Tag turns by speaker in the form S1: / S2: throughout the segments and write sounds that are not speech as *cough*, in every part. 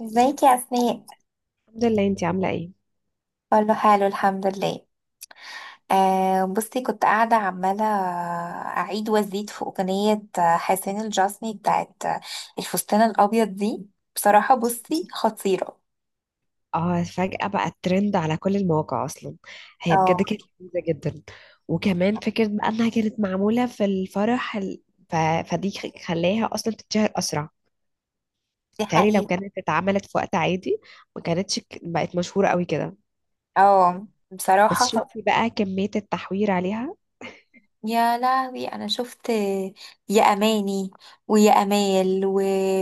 S1: ازيك يا اسماء؟
S2: الحمد لله، انتي عاملة ايه؟
S1: كله حلو الحمد لله. آه، بصي، كنت قاعده عماله اعيد وازيد في اغنيه حسين الجسمي بتاعت الفستان الابيض دي. بصراحه، بصي، خطيره.
S2: اه، فجأة بقى الترند على كل المواقع اصلا. هي
S1: اه،
S2: بجد كانت لذيذة جدا. وكمان فكرة بقى انها كانت معمولة في الفرح ف... فدي خلاها اصلا تتشهر اسرع.
S1: دي
S2: تالي لو
S1: حقيقة.
S2: كانت اتعملت في وقت عادي ما كانتش بقت مشهورة قوي كده.
S1: اه، بصراحه،
S2: بس شوفي بقى كمية التحوير عليها.
S1: يا لهوي، انا شفت يا اماني، ويا امال، و...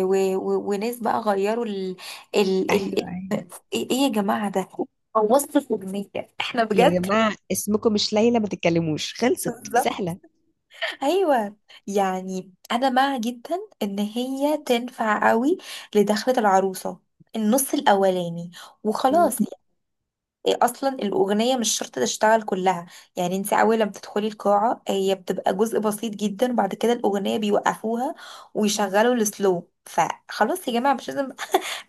S1: و... و... وناس بقى غيروا ال...
S2: ايوه،
S1: ال...
S2: ايوه.
S1: ايه يا جماعه ده، بوظتوا الاغنيه! احنا
S2: يا
S1: بجد!
S2: جماعة، اسمكم مش ليلى ما تتكلموش، خلصت
S1: بالظبط.
S2: سهلة.
S1: ايوه. يعني انا مع جدا ان هي تنفع قوي لدخلة العروسة، النص الاولاني، وخلاص. يعني اصلا الاغنيه مش شرط تشتغل كلها. يعني انت اول لما بتدخلي القاعه هي بتبقى جزء بسيط جدا، بعد كده الاغنيه بيوقفوها ويشغلوا السلو، فخلاص يا جماعه، مش لازم.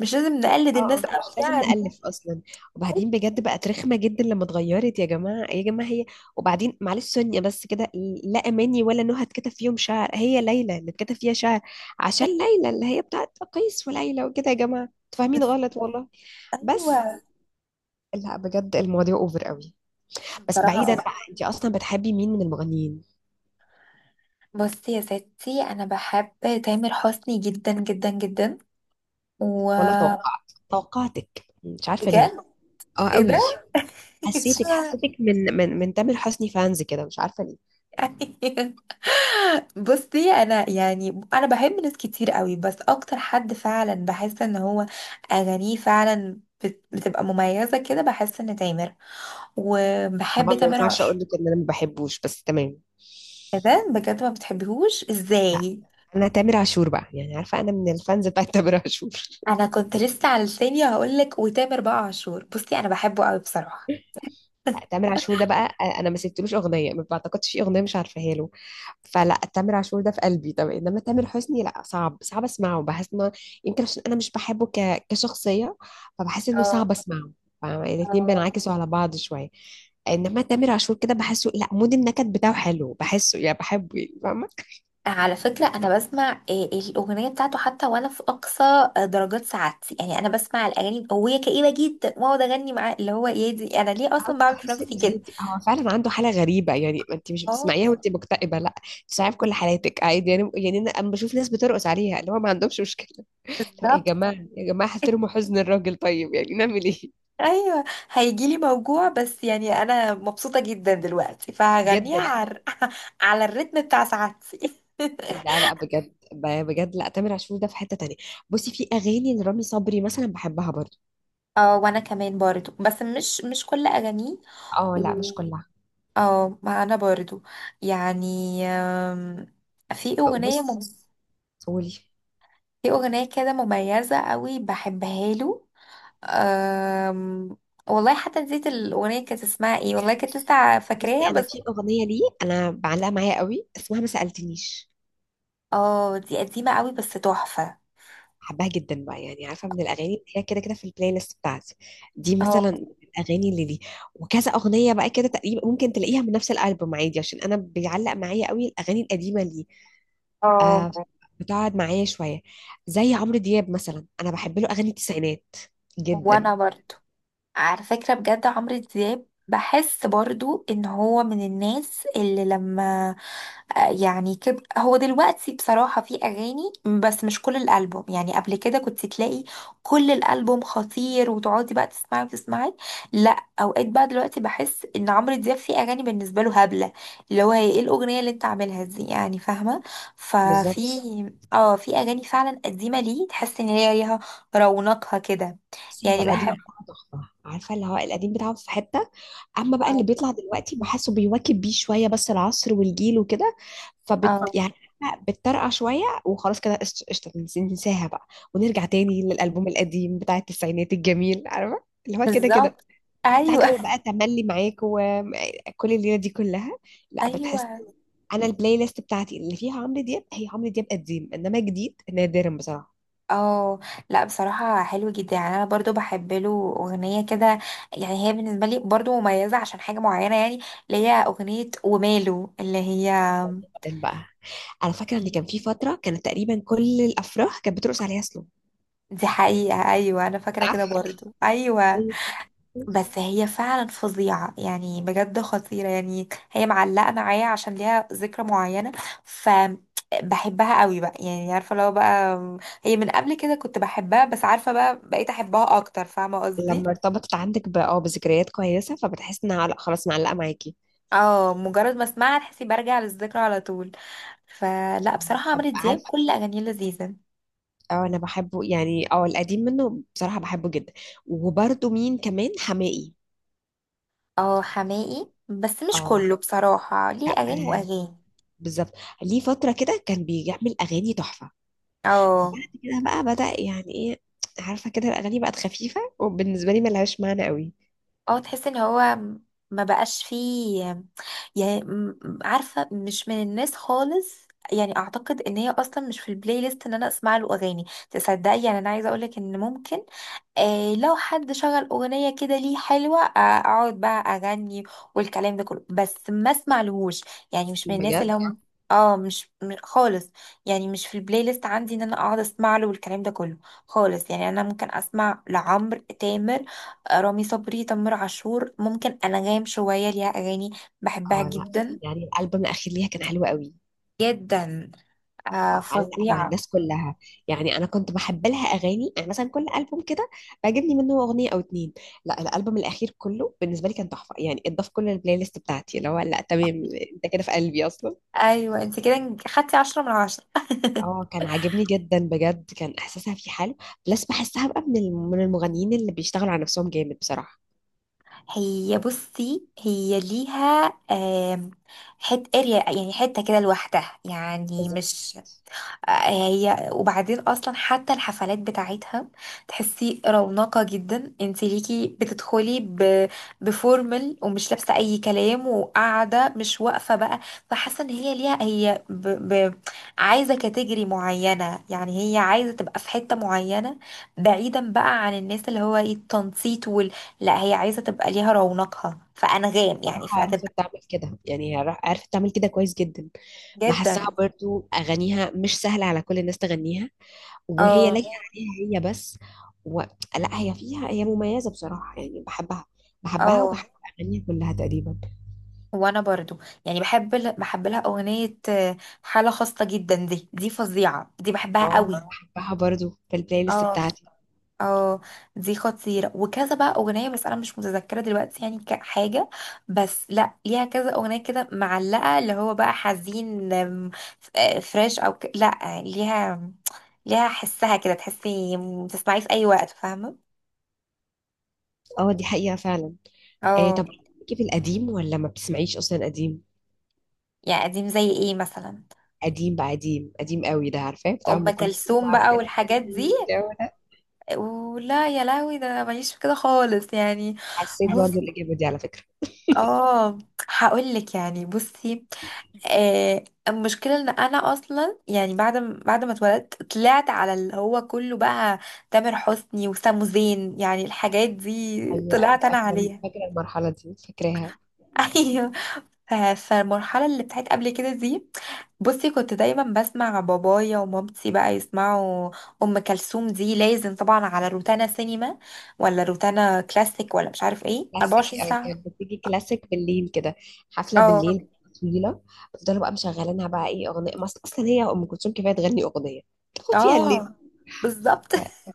S1: مش لازم نقلد
S2: اه.
S1: الناس
S2: مش
S1: قوي
S2: لازم
S1: يعني.
S2: نألف اصلا. وبعدين بجد بقت رخمة جدا لما اتغيرت، يا جماعة، يا جماعة، هي. وبعدين معلش سونيا بس كده. لا اماني ولا نهى اتكتب فيهم شعر، هي ليلى اللي اتكتب فيها شعر. عشان
S1: أيوة،
S2: ليلى اللي هي بتاعت قيس وليلى وكده، يا جماعة انتوا فاهمين
S1: بس-
S2: غلط والله. بس
S1: ايوه.
S2: لا، بجد المواضيع اوفر قوي. بس
S1: بصراحه،
S2: بعيدا
S1: اه.
S2: بقى، انت اصلا بتحبي مين من المغنيين؟
S1: بصي يا ستي، انا بحب تامر حسني جدا جدا جدا، و...
S2: ولا توقعتك، مش عارفة ليه.
S1: بجد.
S2: اه
S1: ايه
S2: قوي.
S1: ده؟ *laughs*
S2: حسيتك
S1: اشمعنى؟
S2: حسيتك من تامر حسني فانز كده، مش عارفة ليه.
S1: أيوة. بصي، انا يعني، انا بحب ناس كتير قوي، بس اكتر حد فعلا بحس ان هو اغانيه فعلا بتبقى مميزة كده، بحس ان تامر. وبحب
S2: طبعا ما
S1: تامر
S2: ينفعش
S1: عاشور.
S2: اقول لك ان انا ما بحبوش، بس تمام.
S1: ايه ده بجد، ما بتحبيهوش
S2: لا،
S1: ازاي؟
S2: انا تامر عاشور بقى يعني، عارفه انا من الفانز بتاع تامر عاشور *laughs*
S1: انا كنت لسه على لساني هقولك، وتامر بقى عاشور، بصي انا بحبه قوي بصراحة.
S2: لا، تامر عاشور ده بقى انا ما سبتلوش اغنيه، ما بعتقدش في اغنيه مش عارفاها له. فلا، تامر عاشور ده في قلبي. طب انما تامر حسني، لا، صعب صعب اسمعه، بحس انه يمكن عشان انا مش بحبه كشخصيه، فبحس انه صعب اسمعه. فالاتنين
S1: اه.
S2: بينعكسوا على بعض شويه. انما تامر عاشور كده بحسه، لا، مود النكد بتاعه حلو، بحسه يعني، بحبه يعني، فاهمه.
S1: على فكرة أنا بسمع الأغنية بتاعته حتى وأنا في أقصى درجات سعادتي، يعني أنا بسمع الأغاني وهي كئيبة جدا وأقعد أغني معاه، اللي هو إيه دي؟ أنا ليه
S2: اه،
S1: أصلا بعمل في
S2: تحس
S1: نفسي
S2: ان
S1: كده؟
S2: عادي، هو فعلا عنده حاله غريبه. يعني ما انت مش
S1: اه.
S2: بتسمعيها وانت مكتئبه، لا، بتسمعيها في كل حالاتك عادي، يعني انا أما بشوف ناس بترقص عليها اللي هو ما عندهمش مشكله. لا يا
S1: بالظبط.
S2: جماعه، يا جماعه، احترموا حزن الراجل، طيب يعني نعمل ايه.
S1: أيوه. هيجيلي موجوع، بس يعني أنا مبسوطة جدا دلوقتي فهغنيها
S2: جدا.
S1: على *laughs* على الريتم بتاع سعادتي.
S2: لا لا، بجد بجد، لا، تامر عاشور ده في حته تانية. بصي، في اغاني لرامي صبري مثلا بحبها برضو.
S1: *laughs* اه، وانا كمان برضو، بس مش كل اغانيه،
S2: اه لا،
S1: و-
S2: مش كلها.
S1: اه، ما انا برضو، يعني، آم، في اغنيه
S2: بصي، قولي.
S1: في أغنية كده مميزة قوي بحبها له. أم... والله حتى نسيت الأغنية كانت اسمها ايه، والله كنت لسه
S2: بصي،
S1: فاكراها
S2: انا
S1: بس.
S2: في اغنيه ليه انا بعلقها معايا قوي، اسمها ما سالتنيش.
S1: اه، دي قديمة قوي بس تحفة.
S2: بحبها جدا بقى، يعني عارفه، من الاغاني اللي هي كده كده في البلاي ليست بتاعتي. دي
S1: اه،
S2: مثلا من الاغاني اللي دي. وكذا اغنيه بقى كده تقريبا ممكن تلاقيها من نفس الالبوم عادي، عشان انا بيعلق معايا قوي الاغاني القديمه اللي
S1: اه،
S2: آه بتقعد معايا شويه. زي عمرو دياب مثلا، انا بحب له اغاني التسعينات
S1: وانا
S2: جدا.
S1: برضو. على فكرة بجد عمرو دياب بحس برضو ان هو من الناس اللي لما يعني هو دلوقتي بصراحة في اغاني، بس مش كل الالبوم، يعني قبل كده كنت تلاقي كل الالبوم خطير، وتقعدي بقى تسمعي وتسمعي. لا، اوقات بقى دلوقتي بحس ان عمرو دياب في اغاني بالنسبة له هبلة، اللي هو هي ايه الاغنية اللي انت عاملها دي، يعني فاهمة.
S2: بالظبط.
S1: ففي اه في اغاني فعلا قديمة ليه، تحس ان هي ليها رونقها كده.
S2: بصي هو
S1: يعني
S2: القديم
S1: بحب.
S2: بتاعه تحفة، عارفة، اللي هو القديم بتاعه في حتة. أما بقى اللي
S1: مم.
S2: بيطلع دلوقتي بحسه بيواكب بيه شوية بس العصر والجيل وكده.
S1: اه،
S2: يعني عارفة، بتطرقع شوية وخلاص كده، قشطة قشطة، ننساها بقى، ونرجع تاني للألبوم القديم بتاع التسعينات الجميل، عارفة، اللي هو كده كده،
S1: بالظبط.
S2: بتاع
S1: ايوه.
S2: جو بقى تملي معاك وكل الليلة دي كلها.
S1: *laughs*
S2: لا، بتحس.
S1: ايوه.
S2: أنا البلاي ليست بتاعتي اللي فيها عمرو دياب هي عمرو دياب قديم، إنما جديد نادرا بصراحة.
S1: اه، لا، بصراحه حلو جدا يعني، انا برضو بحب له اغنيه كده. يعني هي بالنسبه لي برضو مميزه عشان حاجه معينه يعني، اللي هي اغنيه وماله، اللي هي
S2: بقى انا فاكره ان كان في فتره كانت تقريبا كل الافراح كانت بترقص عليها سلو.
S1: دي حقيقه. ايوه، انا فاكره
S2: صح.
S1: كده برضو، ايوه.
S2: أيوة.
S1: بس هي فعلا فظيعة يعني، بجد خطيرة، يعني هي معلقة معايا عشان ليها ذكرى معينة. ف بحبها قوي بقى يعني عارفة، لو بقى هي من قبل كده كنت بحبها، بس عارفة بقى بقيت أحبها أكتر، فاهمة قصدي.
S2: لما ارتبطت عندك بذكريات كويسه، فبتحس انها لا خلاص معلقه معاكي.
S1: اه، مجرد ما اسمعها تحسي برجع للذكرى على طول. فلا بصراحة
S2: طب
S1: عمرو دياب
S2: عارف،
S1: كل أغانيه لذيذة.
S2: اه انا بحبه يعني، اه القديم منه بصراحه بحبه جدا. وبرده مين كمان، حماقي.
S1: اه، حماقي بس مش
S2: اه
S1: كله بصراحة، ليه
S2: لا.
S1: أغاني وأغاني.
S2: بالظبط. ليه فتره كده كان بيعمل اغاني تحفه،
S1: اه،
S2: بعد كده بقى بدأ يعني ايه، عارفه كده الاغاني بقت خفيفه وبالنسبه لي ملهاش معنى قوي.
S1: اه، تحس ان هو ما بقاش فيه، يعني عارفة مش من الناس خالص يعني، اعتقد ان هي اصلا مش في البلاي ليست ان انا اسمع له اغاني. تصدقي، يعني انا عايزه اقولك ان ممكن لو حد شغل اغنيه كده ليه حلوه، اقعد بقى اغني والكلام ده كله، بس ما اسمع لهوش، يعني مش من الناس
S2: بجد.
S1: اللي هم، اه، مش خالص، يعني مش في البلاي ليست عندي ان انا اقعد اسمع له والكلام ده كله خالص. يعني انا ممكن اسمع لعمرو، تامر، رامي صبري، تامر عاشور، ممكن انغام شويه ليها اغاني بحبها
S2: اه لا،
S1: جدا،
S2: يعني الالبوم الاخير ليها كان حلو قوي.
S1: جدا. آه،
S2: اه، علق مع
S1: فظيعه.
S2: الناس كلها. يعني انا كنت بحب لها اغاني، يعني مثلا كل البوم كده بعجبني منه اغنيه او اتنين. لا الالبوم الاخير كله بالنسبه لي كان تحفه، يعني اتضاف كل البلاي ليست بتاعتي، اللي هو لا تمام، انت كده في قلبي اصلا.
S1: ايوه، انت كده خدتي عشرة من عشرة.
S2: اه، كان عاجبني جدا، بجد كان احساسها فيه حلو. بلس بحسها بقى من المغنيين اللي بيشتغلوا على نفسهم جامد بصراحه.
S1: هي، بصي، هي ليها حت اريا يعني، حته كده لوحدها يعني
S2: بالظبط.
S1: مش آه، هي، وبعدين اصلا حتى الحفلات بتاعتها تحسي رونقة جدا، انت ليكي بتدخلي بفورمال، ومش لابسه اي كلام، وقاعده مش واقفه بقى. فحاسه ان هي ليها ب... عايزه كاتيجري معينه، يعني هي عايزه تبقى في حته معينه بعيدا بقى عن الناس اللي هو ايه، التنطيط. لا هي عايزة تبقى ليها رونقها، فأنغام يعني
S2: بصراحه عرفت
S1: فهتبقى
S2: تعمل كده، يعني هي عرفت تعمل كده كويس جدا.
S1: جدا.
S2: بحسها برضو اغانيها مش سهله على كل الناس تغنيها، وهي
S1: اه،
S2: لايقه عليها هي بس. و... لا، هي فيها، هي مميزه بصراحه يعني. بحبها
S1: اه،
S2: وبحب اغانيها كلها تقريبا.
S1: وانا برضو يعني بحب لها اغنية حالة خاصة جدا دي، دي فظيعة، دي بحبها
S2: اه
S1: قوي.
S2: بحبها برضو في البلاي ليست
S1: اه.
S2: بتاعتي.
S1: اه، دي خطيرة وكذا بقى اغنية، بس انا مش متذكرة دلوقتي يعني كحاجة، بس لا، ليها كذا اغنية كده معلقة اللي هو بقى حزين، فريش لا، ليها حسها كده، تحسي تسمعيه في اي وقت، فاهمة؟
S2: اه دي حقيقه فعلا.
S1: اه.
S2: طب كيف القديم، ولا ما بتسمعيش اصلا قديم؟
S1: يعني قديم زي ايه مثلا؟
S2: قديم بقى، قديم قديم قوي ده، عارفاه، بتاع
S1: ام
S2: ام كلثوم
S1: كلثوم
S2: وعبد
S1: بقى والحاجات
S2: الحليم
S1: دي.
S2: والجو ده.
S1: ولا يا لهوي، ده انا ماليش في كده خالص يعني.
S2: حسيت
S1: بص،
S2: برضو الاجابه دي على فكره.
S1: اه، هقول لك يعني، بصي، المشكله ان انا اصلا يعني بعد ما اتولدت طلعت على اللي هو كله بقى تامر حسني وسامو زين، يعني الحاجات دي
S2: ايوه ايوه،
S1: طلعت انا
S2: فاكره
S1: عليها.
S2: فاكره المرحله دي، فاكراها.
S1: *laughs* ايوه. فالمرحلة اللي بتاعت قبل كده دي، بصي كنت دايما بسمع بابايا ومامتي بقى يسمعوا أم كلثوم. دي لازم طبعا على روتانا سينما ولا روتانا كلاسيك ولا مش عارف ايه،
S2: كلاسيك،
S1: 24
S2: او
S1: ساعة.
S2: كانت بتيجي كلاسيك بالليل كده، حفله
S1: اه،
S2: بالليل طويله. بفضلوا بقى مشغلينها بقى، ايه اغنيه، ما اصلا هي ام كلثوم كفايه تغني اغنيه تاخد فيها الليل.
S1: اه، بالظبط. *laughs*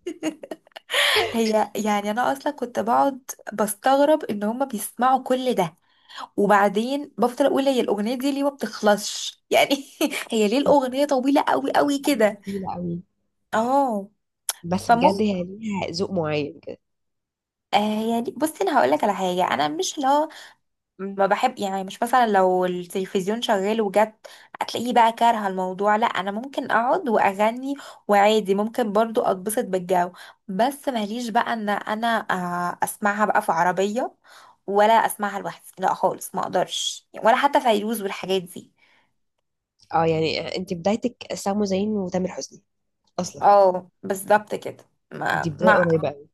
S1: هي يعني انا اصلا كنت بقعد بستغرب ان هما بيسمعوا كل ده، وبعدين بفضل اقول هي الاغنيه دي ليه ما بتخلصش يعني. *laughs* هي ليه
S2: فكانت
S1: الاغنيه طويله قوي قوي
S2: أغنية
S1: كده؟
S2: طويله قوي،
S1: اه،
S2: بس بجد
S1: فممكن
S2: هي ليها ذوق معين كده.
S1: آه يعني، بصي انا هقول لك على حاجه، انا مش لا، ما بحب، يعني مش مثلا لو التلفزيون شغال وجت هتلاقيه بقى كارهه الموضوع. لا، انا ممكن اقعد واغني وعادي ممكن برضو اتبسط بالجو، بس ماليش بقى ان انا اسمعها بقى في عربيه ولا اسمعها لوحدي، لا خالص ما اقدرش، ولا حتى فيروز والحاجات دي.
S2: اه يعني انت بدايتك سامو زين وتامر حسني اصلا.
S1: اه، بالظبط كده.
S2: دي
S1: ما
S2: بدايه
S1: مع.
S2: قريبه قوي.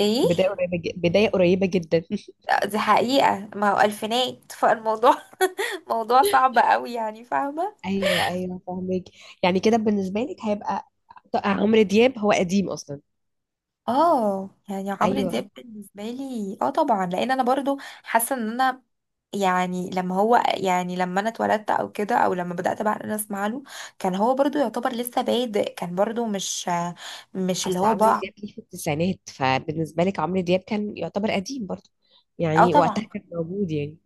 S1: ايه.
S2: بدايه قريبه جدا *laughs*
S1: لا، دي حقيقه، ما هو الفينات فالموضوع. *laughs* موضوع صعب قوي يعني، فاهمه.
S2: ايوه ايوه، فاهمك. يعني كده بالنسبه لك هيبقى، عمرو دياب هو قديم اصلا.
S1: اه، يعني عمرو
S2: ايوه،
S1: دياب بالنسبه لي، طبعا لان انا برضو حاسه ان انا يعني لما هو يعني لما انا اتولدت او كده، او لما بدات بقى إن انا اسمع له، كان هو برضو يعتبر لسه بادئ، كان برضو مش اللي
S2: اصل
S1: هو
S2: عمرو
S1: بقى.
S2: دياب ليه في التسعينات، فبالنسبه لك عمرو دياب كان يعتبر قديم برضه،
S1: اه،
S2: يعني
S1: طبعا.
S2: وقتها كان موجود يعني.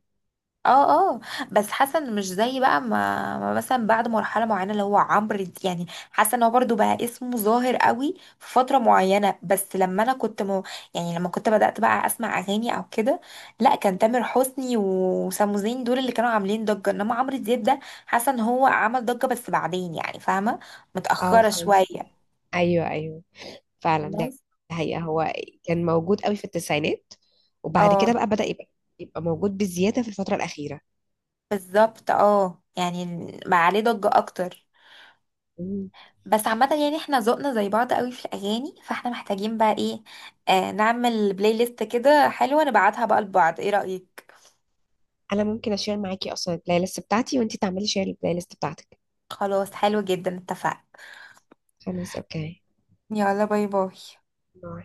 S1: اه، اه. بس حاسه ان مش زي بقى ما مثلا بعد مرحله معينه اللي هو يعني، حاسه ان هو برضو بقى اسمه ظاهر قوي في فتره معينه، بس لما انا كنت يعني لما كنت بدات بقى اسمع اغاني او كده، لا كان تامر حسني وسامو زين دول اللي كانوا عاملين ضجه، انما عمرو دياب ده حاسه ان هو عمل ضجه بس بعدين، يعني فاهمه،
S2: اه،
S1: متاخره
S2: فهمت.
S1: شويه.
S2: ايوه ايوه، فعلا ده
S1: بس،
S2: حقيقة، هو كان موجود قوي في التسعينات، وبعد كده
S1: اه،
S2: بقى بدأ يبقى موجود بزياده في الفتره الاخيره.
S1: بالظبط، اه، يعني بقى عليه ضجه اكتر.
S2: مم.
S1: بس عامة يعني احنا ذوقنا زي بعض قوي في الأغاني، فاحنا محتاجين بقى ايه، نعمل بلاي ليست كده حلوة نبعتها بقى لبعض، ايه رأيك؟
S2: انا ممكن اشير معاكي اصلا البلاي ليست بتاعتي، وانتي تعملي شير البلاي ليست بتاعتك.
S1: خلاص، حلو جدا، اتفقنا.
S2: خلاص، اوكي،
S1: يلا، باي باي.
S2: باي.